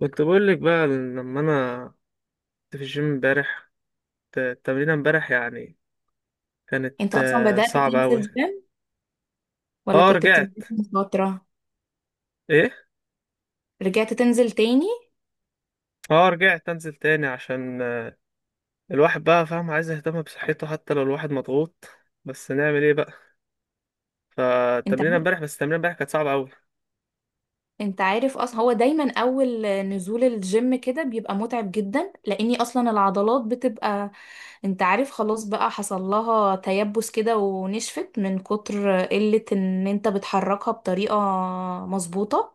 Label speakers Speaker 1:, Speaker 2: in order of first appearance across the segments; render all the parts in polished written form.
Speaker 1: كنت بقول لك بقى لما انا كنت في الجيم امبارح. التمرينه امبارح يعني كانت
Speaker 2: انت اصلا بدأت
Speaker 1: صعبه
Speaker 2: تنزل
Speaker 1: قوي.
Speaker 2: جيم، ولا
Speaker 1: اه،
Speaker 2: كنت
Speaker 1: رجعت.
Speaker 2: بتنزل من فترة؟
Speaker 1: ايه،
Speaker 2: رجعت تنزل تاني.
Speaker 1: اه رجعت انزل تاني عشان الواحد بقى فاهم عايز يهتم بصحته حتى لو الواحد مضغوط، بس نعمل ايه بقى؟
Speaker 2: انت
Speaker 1: فالتمرينه
Speaker 2: عارف
Speaker 1: امبارح، بس التمرينه امبارح كانت صعبه قوي.
Speaker 2: انت عارف اصلا هو دايما اول نزول الجيم كده بيبقى متعب جدا، لاني اصلا العضلات بتبقى، انت عارف، خلاص بقى حصل لها تيبس كده ونشفت من كتر قلة ان انت بتحركها بطريقة مظبوطة.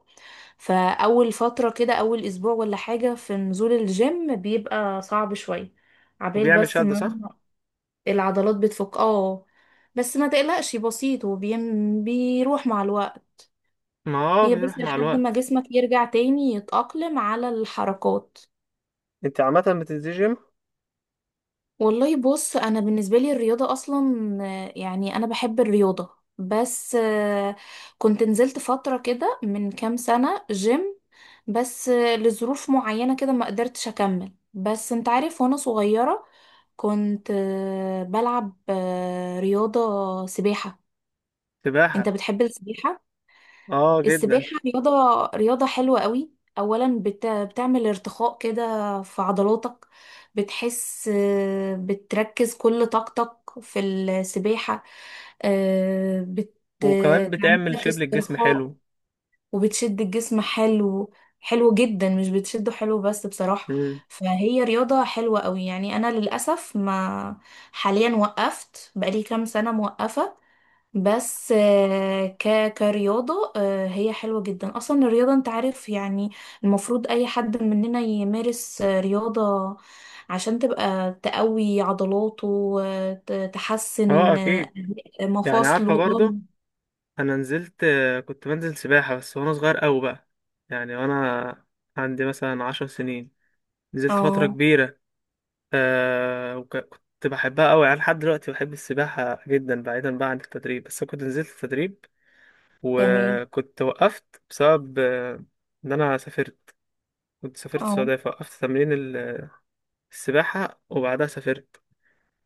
Speaker 2: فاول فترة كده، اول اسبوع ولا حاجة في نزول الجيم، بيبقى صعب شوية عبال
Speaker 1: وبيعمل
Speaker 2: بس
Speaker 1: شد صح.
Speaker 2: ما العضلات بتفك، اه. بس ما تقلقش، بسيط بيروح مع الوقت.
Speaker 1: ما هو
Speaker 2: هي بس
Speaker 1: بيروح مع
Speaker 2: لحد ما
Speaker 1: الوقت.
Speaker 2: جسمك يرجع تاني يتأقلم على الحركات.
Speaker 1: انت عامه بتنزل جيم؟
Speaker 2: والله بص، انا بالنسبة لي الرياضة اصلا يعني انا بحب الرياضة، بس كنت نزلت فترة كده من كام سنة جيم، بس لظروف معينة كده ما قدرتش اكمل. بس انت عارف، وانا صغيرة كنت بلعب رياضة سباحة. انت
Speaker 1: سباحه.
Speaker 2: بتحب السباحة؟
Speaker 1: اه جدا.
Speaker 2: السباحة رياضة، رياضة حلوة قوي. اولا بتعمل ارتخاء كده في عضلاتك، بتحس بتركز كل طاقتك في السباحة. آه، بت-
Speaker 1: وكمان
Speaker 2: بتعمل
Speaker 1: بتعمل
Speaker 2: لك
Speaker 1: شيب للجسم
Speaker 2: استرخاء
Speaker 1: حلو.
Speaker 2: وبتشد الجسم حلو، حلو جدا. مش بتشده حلو بس، بصراحة.
Speaker 1: امم.
Speaker 2: فهي رياضة حلوة قوي يعني. انا للأسف ما، حاليا وقفت بقالي كام سنة، موقفة. بس آه، ك كرياضة هي حلوة جدا. أصلا الرياضة، أنت عارف يعني، المفروض أي حد مننا يمارس رياضة عشان تبقى تقوي عضلاته وتحسن
Speaker 1: اه اكيد. يعني عارفه
Speaker 2: مفاصله، اه.
Speaker 1: برضو، انا نزلت، كنت بنزل سباحة بس وانا صغير قوي بقى. يعني وانا عندي مثلا 10 سنين، نزلت فترة
Speaker 2: اه،
Speaker 1: كبيرة. آه، وكنت بحبها قوي يعني، لحد دلوقتي بحب السباحة جدا بعيدا بقى عن التدريب. بس أنا كنت نزلت التدريب
Speaker 2: تمام،
Speaker 1: وكنت وقفت بسبب ان انا سافرت. كنت سافرت
Speaker 2: اه،
Speaker 1: السعودية، فوقفت تمرين السباحة، وبعدها سافرت.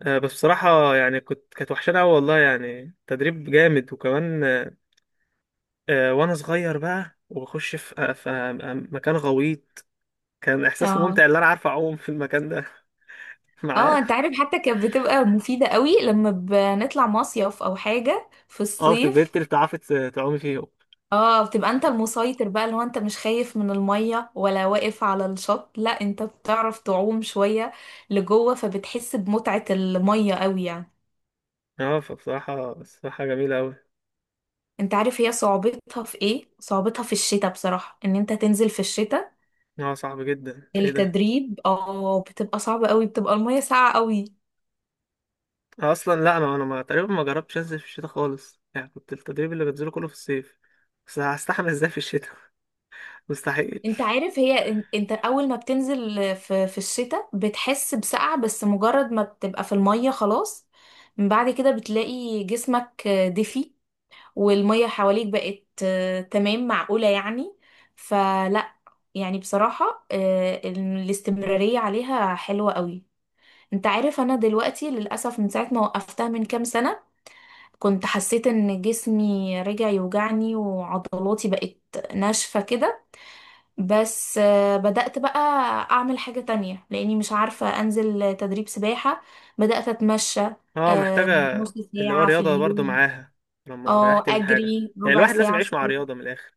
Speaker 1: آه بس بصراحة يعني كانت وحشانة قوي والله، يعني تدريب جامد. وكمان وانا صغير بقى، وبخش في مكان غويط، كان احساسه
Speaker 2: اه،
Speaker 1: ممتع ان انا عارف اعوم في المكان ده.
Speaker 2: اه.
Speaker 1: معاه.
Speaker 2: انت عارف، حتى كانت بتبقى مفيدة قوي لما بنطلع مصيف او حاجة في
Speaker 1: اه، بتبهرت
Speaker 2: الصيف.
Speaker 1: اللي تعومي فيه.
Speaker 2: اه، بتبقى انت المسيطر بقى، اللي هو انت مش خايف من المية ولا واقف على الشط، لا انت بتعرف تعوم شوية لجوه، فبتحس بمتعة المية قوي يعني.
Speaker 1: اه فبصراحة، جميلة أوي.
Speaker 2: انت عارف هي صعوبتها في ايه؟ صعوبتها في الشتاء بصراحة، ان انت تنزل في الشتاء
Speaker 1: اه صعب جدا، ايه ده؟
Speaker 2: التدريب، اه. بتبقى صعبة قوي، بتبقى المية ساقعة قوي.
Speaker 1: أنا اصلا لا، انا ما تقريبا ما جربتش انزل في الشتاء خالص. يعني كنت التدريب اللي بنزله كله في الصيف، بس هستحمل ازاي في الشتاء؟ مستحيل.
Speaker 2: انت عارف، هي انت اول ما بتنزل في الشتاء بتحس بسقعة، بس مجرد ما بتبقى في المية خلاص، من بعد كده بتلاقي جسمك دفي، والمية حواليك بقت تمام، معقولة يعني. فلا، يعني بصراحة الاستمرارية عليها حلوة قوي. انت عارف، انا دلوقتي للأسف من ساعة ما وقفتها من كام سنة، كنت حسيت ان جسمي رجع يوجعني وعضلاتي بقت ناشفة كده. بس بدأت بقى اعمل حاجة تانية لاني مش عارفة انزل تدريب سباحة. بدأت اتمشى
Speaker 1: اه
Speaker 2: آه،
Speaker 1: محتاجة.
Speaker 2: نص
Speaker 1: اللي هو
Speaker 2: ساعة في
Speaker 1: رياضة برضو
Speaker 2: اليوم،
Speaker 1: معاها، لما
Speaker 2: اه،
Speaker 1: ريحت من حاجة.
Speaker 2: اجري
Speaker 1: يعني
Speaker 2: ربع
Speaker 1: الواحد لازم
Speaker 2: ساعة
Speaker 1: يعيش مع
Speaker 2: الصبح.
Speaker 1: رياضة من الآخر.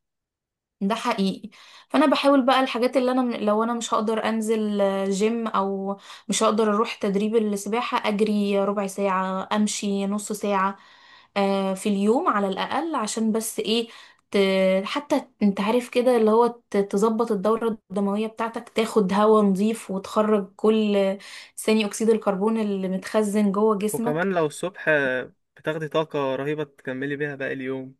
Speaker 2: ده حقيقي. فانا بحاول بقى، الحاجات اللي انا، لو انا مش هقدر انزل جيم او مش هقدر اروح تدريب السباحة، اجري ربع ساعة، امشي نص ساعة في اليوم على الاقل، عشان بس ايه، حتى انت عارف كده، اللي هو تظبط الدورة الدموية بتاعتك، تاخد هواء نظيف، وتخرج كل ثاني اكسيد الكربون اللي متخزن جوه
Speaker 1: وكمان
Speaker 2: جسمك.
Speaker 1: لو الصبح بتاخدي طاقة رهيبة تكملي بيها باقي اليوم.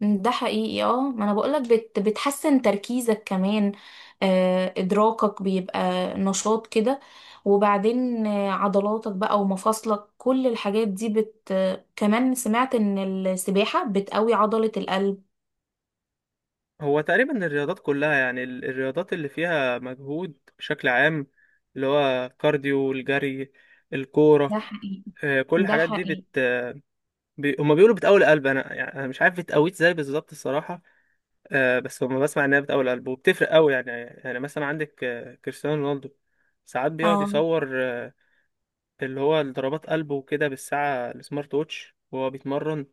Speaker 2: ده حقيقي، اه. ما انا بقولك، بتحسن تركيزك كمان، آه، ادراكك بيبقى نشاط كده، وبعدين عضلاتك بقى ومفاصلك، كل الحاجات دي بت آه، كمان سمعت ان السباحة بتقوي عضلة القلب.
Speaker 1: هو تقريبا الرياضات كلها يعني، الرياضات اللي فيها مجهود بشكل عام، اللي هو كارديو، الجري،
Speaker 2: ده
Speaker 1: الكورة،
Speaker 2: حقيقي.
Speaker 1: كل
Speaker 2: ده
Speaker 1: الحاجات دي
Speaker 2: حقيقي،
Speaker 1: هما بيقولوا بتقوي القلب. انا يعني أنا مش عارف بتقويه ازاي بالظبط الصراحة. بس هما بسمع انها بتقوي القلب وبتفرق قوي يعني. يعني مثلا عندك كريستيانو رونالدو ساعات بيقعد
Speaker 2: اه،
Speaker 1: يصور اللي هو ضربات قلبه وكده بالساعة السمارت ووتش وهو بيتمرن.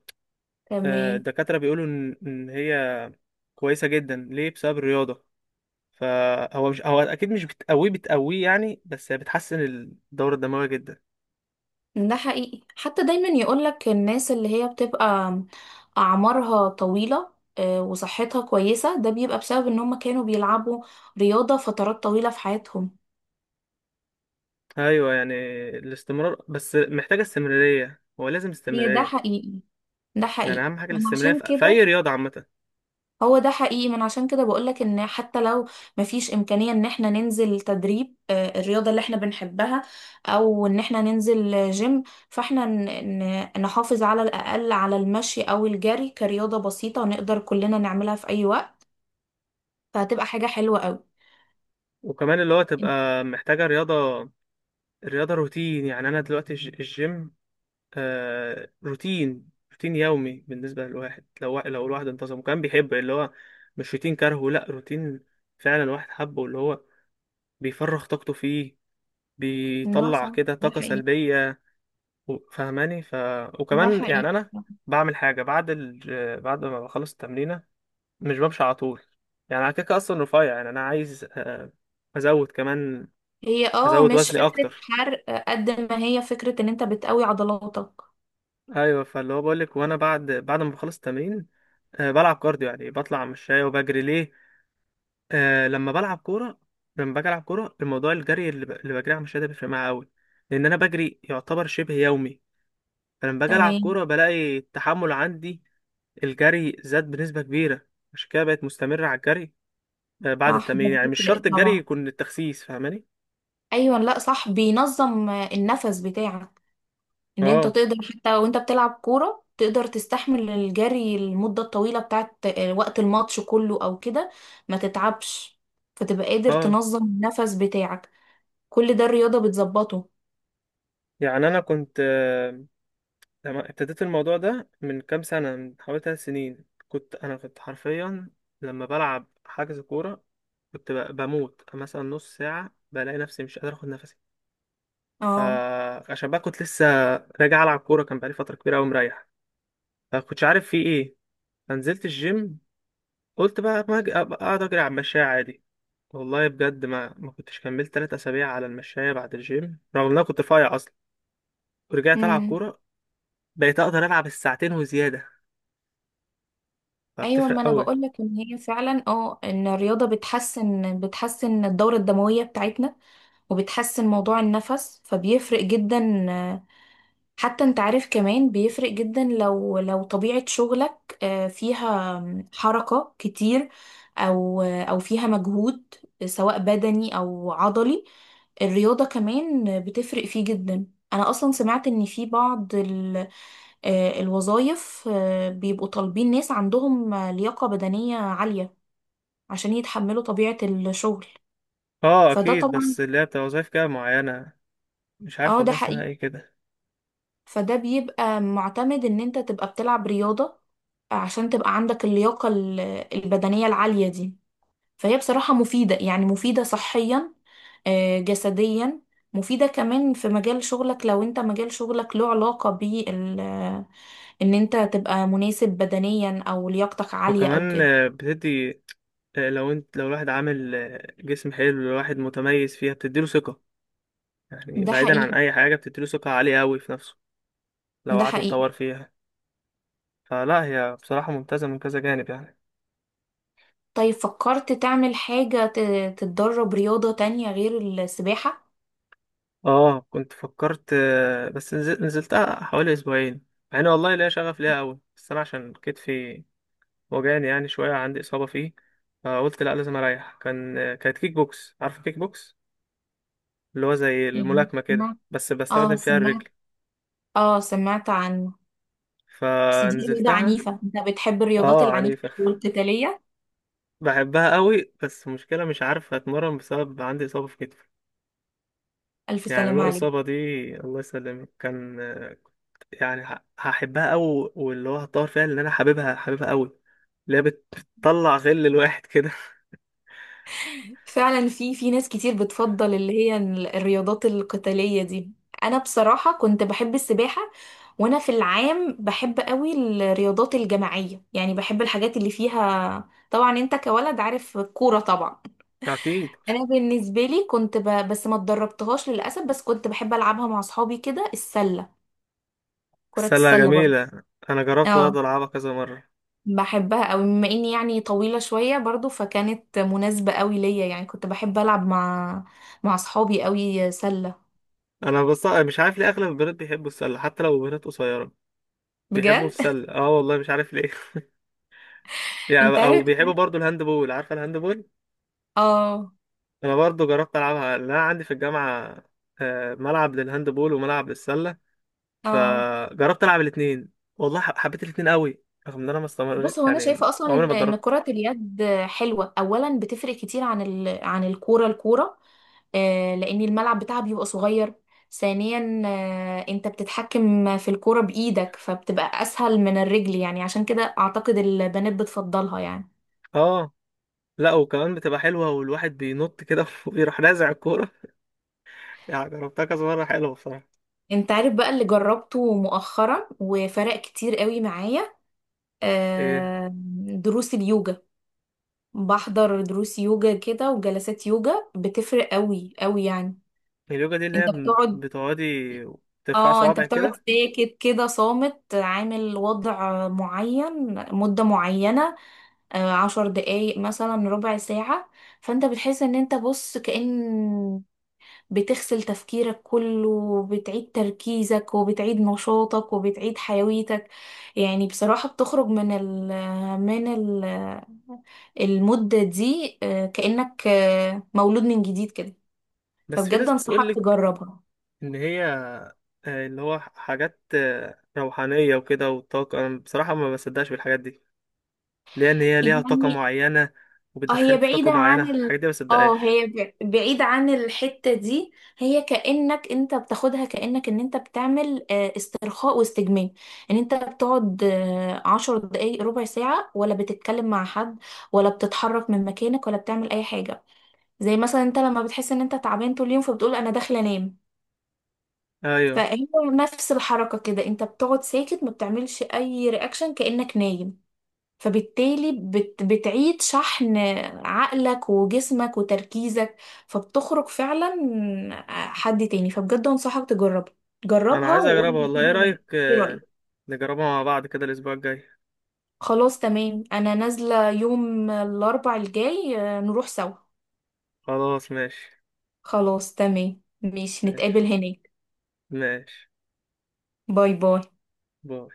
Speaker 2: تمام.
Speaker 1: الدكاترة بيقولوا إن هي كويسة جدا ليه بسبب الرياضة. فهو مش، هو أكيد مش بتقويه بتقويه يعني، بس هي بتحسن الدورة الدموية جدا.
Speaker 2: ده حقيقي، حتى دايما يقولك الناس اللي هي بتبقى أعمارها طويلة وصحتها كويسة، ده بيبقى بسبب إن هم كانوا بيلعبوا رياضة فترات طويلة في حياتهم.
Speaker 1: أيوة يعني الاستمرار، بس محتاجة استمرارية، هو لازم
Speaker 2: هي ده
Speaker 1: استمرارية.
Speaker 2: حقيقي. ده
Speaker 1: يعني
Speaker 2: حقيقي،
Speaker 1: أهم حاجة
Speaker 2: من
Speaker 1: الاستمرارية
Speaker 2: عشان
Speaker 1: في أي
Speaker 2: كده.
Speaker 1: رياضة عامة.
Speaker 2: هو ده حقيقي، من عشان كده بقولك ان حتى لو مفيش امكانية ان احنا ننزل تدريب الرياضة اللي احنا بنحبها، او ان احنا ننزل جيم، فاحنا نحافظ على الاقل على المشي او الجري كرياضة بسيطة، نقدر كلنا نعملها في اي وقت، فهتبقى حاجة حلوة قوي.
Speaker 1: وكمان اللي هو تبقى محتاجة رياضة، رياضة روتين. يعني أنا دلوقتي الجيم آه روتين، روتين يومي بالنسبة للواحد. لو لو الواحد انتظم كان بيحب، اللي هو مش روتين كرهه، لا روتين فعلا الواحد حبه، اللي هو بيفرغ طاقته فيه،
Speaker 2: ده
Speaker 1: بيطلع
Speaker 2: صح،
Speaker 1: كده
Speaker 2: ده
Speaker 1: طاقة
Speaker 2: حقيقي.
Speaker 1: سلبية، فاهماني؟
Speaker 2: ده
Speaker 1: وكمان
Speaker 2: حقيقي.
Speaker 1: يعني أنا بعمل حاجة بعد ما بخلص التمرينة، مش بمشي على طول. يعني أنا كده كده أصلا رفيع، يعني أنا عايز أزود كمان،
Speaker 2: هي اه،
Speaker 1: أزود
Speaker 2: مش
Speaker 1: وزني
Speaker 2: فكرة
Speaker 1: أكتر.
Speaker 2: حرق قد ما هي فكرة ان انت بتقوي عضلاتك.
Speaker 1: ايوه، فاللي هو بقول لك، وانا بعد، ما بخلص التمرين أه بلعب كارديو، يعني بطلع مشاية وبجري ليه. أه لما بلعب كوره، لما باجي العب كوره، الموضوع الجري اللي بجري على المشاية ده بيفرق معايا قوي، لان انا بجري يعتبر شبه يومي. فلما باجي العب
Speaker 2: تمام.
Speaker 1: كوره بلاقي التحمل عندي الجري زاد بنسبه كبيره. عشان كده بقيت مستمرة على الجري أه بعد
Speaker 2: صح، ده
Speaker 1: التمرين. يعني مش شرط
Speaker 2: بيفرق
Speaker 1: الجري
Speaker 2: طبعا.
Speaker 1: يكون التخسيس، فاهماني؟
Speaker 2: ايوه، لا صح، بينظم النفس بتاعك، ان انت
Speaker 1: اه.
Speaker 2: تقدر حتى وانت بتلعب كوره تقدر تستحمل الجري المده الطويله بتاعت وقت الماتش كله او كده، ما تتعبش، فتبقى قادر
Speaker 1: اه.
Speaker 2: تنظم النفس بتاعك. كل ده الرياضه بتظبطه،
Speaker 1: يعني انا كنت لما ابتديت الموضوع ده من كام سنة، من حوالي 3 سنين، كنت، أنا كنت حرفيا لما بلعب حجز كورة كنت بموت مثلا نص ساعة، بلاقي نفسي مش قادر أخد نفسي.
Speaker 2: اه.
Speaker 1: فعشان بقى كنت لسه راجع ألعب كورة، كان بقالي فترة كبيرة أوي مريح، فكنتش عارف في إيه. فنزلت الجيم، قلت بقى ما أج- أبقى أقعد أجري على المشاية عادي. والله بجد ما كنتش كملت 3 أسابيع على المشاية بعد الجيم، رغم إن أنا كنت رفيع أصلا، ورجعت ألعب
Speaker 2: امم.
Speaker 1: كورة، بقيت أقدر ألعب الساعتين وزيادة.
Speaker 2: ايوه، ما
Speaker 1: فبتفرق
Speaker 2: انا
Speaker 1: أوي.
Speaker 2: بقولك ان هي فعلا، اه، ان الرياضه بتحسن الدوره الدمويه بتاعتنا، وبتحسن موضوع النفس، فبيفرق جدا. حتى انت عارف، كمان بيفرق جدا لو طبيعة شغلك فيها حركة كتير، او فيها مجهود، سواء بدني او عضلي، الرياضة كمان بتفرق فيه جدا. انا اصلا سمعت ان في بعض الوظائف بيبقوا طالبين ناس عندهم لياقة بدنية عالية عشان يتحملوا طبيعة الشغل.
Speaker 1: اه
Speaker 2: فده
Speaker 1: اكيد،
Speaker 2: طبعا،
Speaker 1: بس اللي هي بتبقى وظايف كده معينة، مش عارف
Speaker 2: اه، ده
Speaker 1: والله اسمها
Speaker 2: حقيقي.
Speaker 1: ايه كده.
Speaker 2: فده بيبقى معتمد ان انت تبقى بتلعب رياضة عشان تبقى عندك اللياقة البدنية العالية دي. فهي بصراحة مفيدة، يعني مفيدة صحيا جسديا، مفيدة كمان في مجال شغلك لو انت مجال شغلك له علاقة بال، ان انت تبقى مناسب بدنيا، او لياقتك عالية او
Speaker 1: وكمان
Speaker 2: كده.
Speaker 1: بتدي لو انت، لو الواحد عامل جسم حلو، الواحد متميز فيها بتديله ثقة. يعني
Speaker 2: ده
Speaker 1: بعيدا عن
Speaker 2: حقيقي.
Speaker 1: اي حاجة بتديله ثقة عالية اوي في نفسه، لو
Speaker 2: ده
Speaker 1: قعد
Speaker 2: حقيقي.
Speaker 1: يتطور فيها. فلا هي بصراحة ممتازة من كذا جانب يعني.
Speaker 2: طيب، فكرت تعمل حاجة تتدرب رياضة تانية غير السباحة؟
Speaker 1: اه كنت فكرت نزلتها حوالي اسبوعين. مع ان والله ليا شغف ليها اوي، بس انا عشان كتفي وجعني يعني شوية، عندي اصابة فيه، فقلت لا لازم اريح. كان آه، كانت كيك بوكس. عارف كيك بوكس؟ اللي هو زي
Speaker 2: يعني
Speaker 1: الملاكمة كده،
Speaker 2: سمعت،
Speaker 1: بس
Speaker 2: اه
Speaker 1: بستخدم فيها الرجل.
Speaker 2: سمعت، اه سمعت عنه. بس دي رياضة
Speaker 1: فنزلتها.
Speaker 2: عنيفة، انت بتحب الرياضات
Speaker 1: اه
Speaker 2: العنيفة
Speaker 1: عنيفة.
Speaker 2: والقتالية؟
Speaker 1: بحبها قوي، بس المشكلة مش عارف اتمرن بسبب عندي إصابة في كتفي.
Speaker 2: ألف
Speaker 1: يعني لو
Speaker 2: سلامة عليك.
Speaker 1: الإصابة دي، الله يسلمك، كان يعني هحبها قوي، واللي هو هطور فيها، اللي أنا حاببها، حاببها قوي، اللي هي بتطلع غل الواحد كده.
Speaker 2: فعلا في ناس كتير بتفضل اللي هي الرياضات القتالية دي. أنا بصراحة كنت بحب السباحة، وأنا في العام بحب قوي الرياضات الجماعية يعني. بحب الحاجات اللي فيها، طبعا انت كولد عارف الكورة طبعا.
Speaker 1: أكيد.
Speaker 2: أنا بالنسبة لي كنت بس ما اتدربتهاش للأسف، بس كنت بحب ألعبها مع أصحابي كده، السلة، كرة
Speaker 1: السلة
Speaker 2: السلة برضه.
Speaker 1: جميلة، أنا جربت برضه
Speaker 2: اه،
Speaker 1: ألعبها كذا مرة.
Speaker 2: بحبها قوي بما اني يعني طويلة شوية برضو، فكانت مناسبة قوي ليا يعني، كنت بحب العب مع اصحابي قوي سلة.
Speaker 1: أنا بص مش عارف ليه أغلب البنات بيحبوا السلة، حتى لو بنات قصيرة بيحبوا
Speaker 2: بجد؟
Speaker 1: السلة. اه والله مش عارف ليه. يعني
Speaker 2: انت
Speaker 1: او
Speaker 2: عارف
Speaker 1: بيحبوا
Speaker 2: كمان؟
Speaker 1: برضو الهاند بول. عارفه الهاند بول؟
Speaker 2: اه.
Speaker 1: انا برضو جربت العبها لأن انا عندي في الجامعه ملعب للهاند بول وملعب للسله.
Speaker 2: اه،
Speaker 1: فجربت العب الاثنين والله حبيت الاثنين قوي، رغم ان انا ما
Speaker 2: بص،
Speaker 1: استمريت،
Speaker 2: هو انا
Speaker 1: يعني
Speaker 2: شايفة اصلا
Speaker 1: عمري
Speaker 2: ان
Speaker 1: ما اتدربت.
Speaker 2: كرة اليد حلوة. اولا بتفرق كتير عن عن الكورة، آه، لان الملعب بتاعها بيبقى صغير. ثانيا، آه، انت بتتحكم في الكورة بايدك فبتبقى اسهل من الرجل، يعني عشان كده اعتقد البنات بتفضلها يعني.
Speaker 1: اه. لا وكمان بتبقى حلوه، والواحد بينط كده ويروح نازع الكوره. يعني جربتها كذا مره، حلوه بصراحه.
Speaker 2: انت عارف بقى اللي جربته مؤخرا وفرق كتير قوي معايا،
Speaker 1: ايه؟
Speaker 2: آه، دروس اليوجا. بحضر دروس يوجا كده وجلسات يوجا، بتفرق قوي قوي يعني.
Speaker 1: اليوجا دي اللي هي
Speaker 2: انت بتقعد،
Speaker 1: بتقعدي ترفع
Speaker 2: اه انت
Speaker 1: صوابعك
Speaker 2: بتقعد
Speaker 1: كده؟
Speaker 2: ساكت كده، صامت، عامل وضع معين مدة معينة، عشر دقايق مثلا، ربع ساعة. فانت بتحس ان انت، بص، كأن بتغسل تفكيرك كله، وبتعيد تركيزك، وبتعيد نشاطك، وبتعيد حيويتك. يعني بصراحة بتخرج من ال من ال المدة دي كأنك مولود من جديد كده.
Speaker 1: بس في
Speaker 2: فبجد
Speaker 1: ناس
Speaker 2: أنصحك
Speaker 1: بتقولك
Speaker 2: تجربها.
Speaker 1: ان هي آه، اللي هو حاجات روحانية وكده والطاقة. أنا بصراحة ما بصدقش بالحاجات دي، لأن هي ليها طاقة
Speaker 2: يعني
Speaker 1: معينة
Speaker 2: اه، هي
Speaker 1: وبتدخلك في طاقة
Speaker 2: بعيدة
Speaker 1: معينة،
Speaker 2: عن ال
Speaker 1: الحاجات دي ما
Speaker 2: اه
Speaker 1: بصدقهاش.
Speaker 2: هي بعيدة عن الحتة دي. هي كأنك انت بتاخدها كأنك ان انت بتعمل استرخاء واستجمام، ان انت بتقعد عشر دقايق، ربع ساعة، ولا بتتكلم مع حد ولا بتتحرك من مكانك ولا بتعمل اي حاجة. زي مثلا انت لما بتحس ان انت تعبان طول اليوم فبتقول انا داخلة انام.
Speaker 1: أيوه.
Speaker 2: فهي نفس الحركة كده، انت بتقعد ساكت، ما بتعملش اي رياكشن، كأنك نايم. فبالتالي بتعيد شحن عقلك وجسمك وتركيزك، فبتخرج فعلا حد تاني. فبجد انصحك تجربها،
Speaker 1: أنا
Speaker 2: جربها
Speaker 1: عايز أجربها
Speaker 2: وقولي
Speaker 1: والله. إيه
Speaker 2: كده.
Speaker 1: رأيك
Speaker 2: ايه رأيك؟
Speaker 1: نجربها مع بعض كده الأسبوع الجاي؟
Speaker 2: خلاص، تمام، انا نازلة يوم الاربع الجاي نروح سوا.
Speaker 1: خلاص ماشي.
Speaker 2: خلاص تمام ماشي، نتقابل
Speaker 1: ماشي.
Speaker 2: هناك.
Speaker 1: ماشي
Speaker 2: باي باي.
Speaker 1: باي.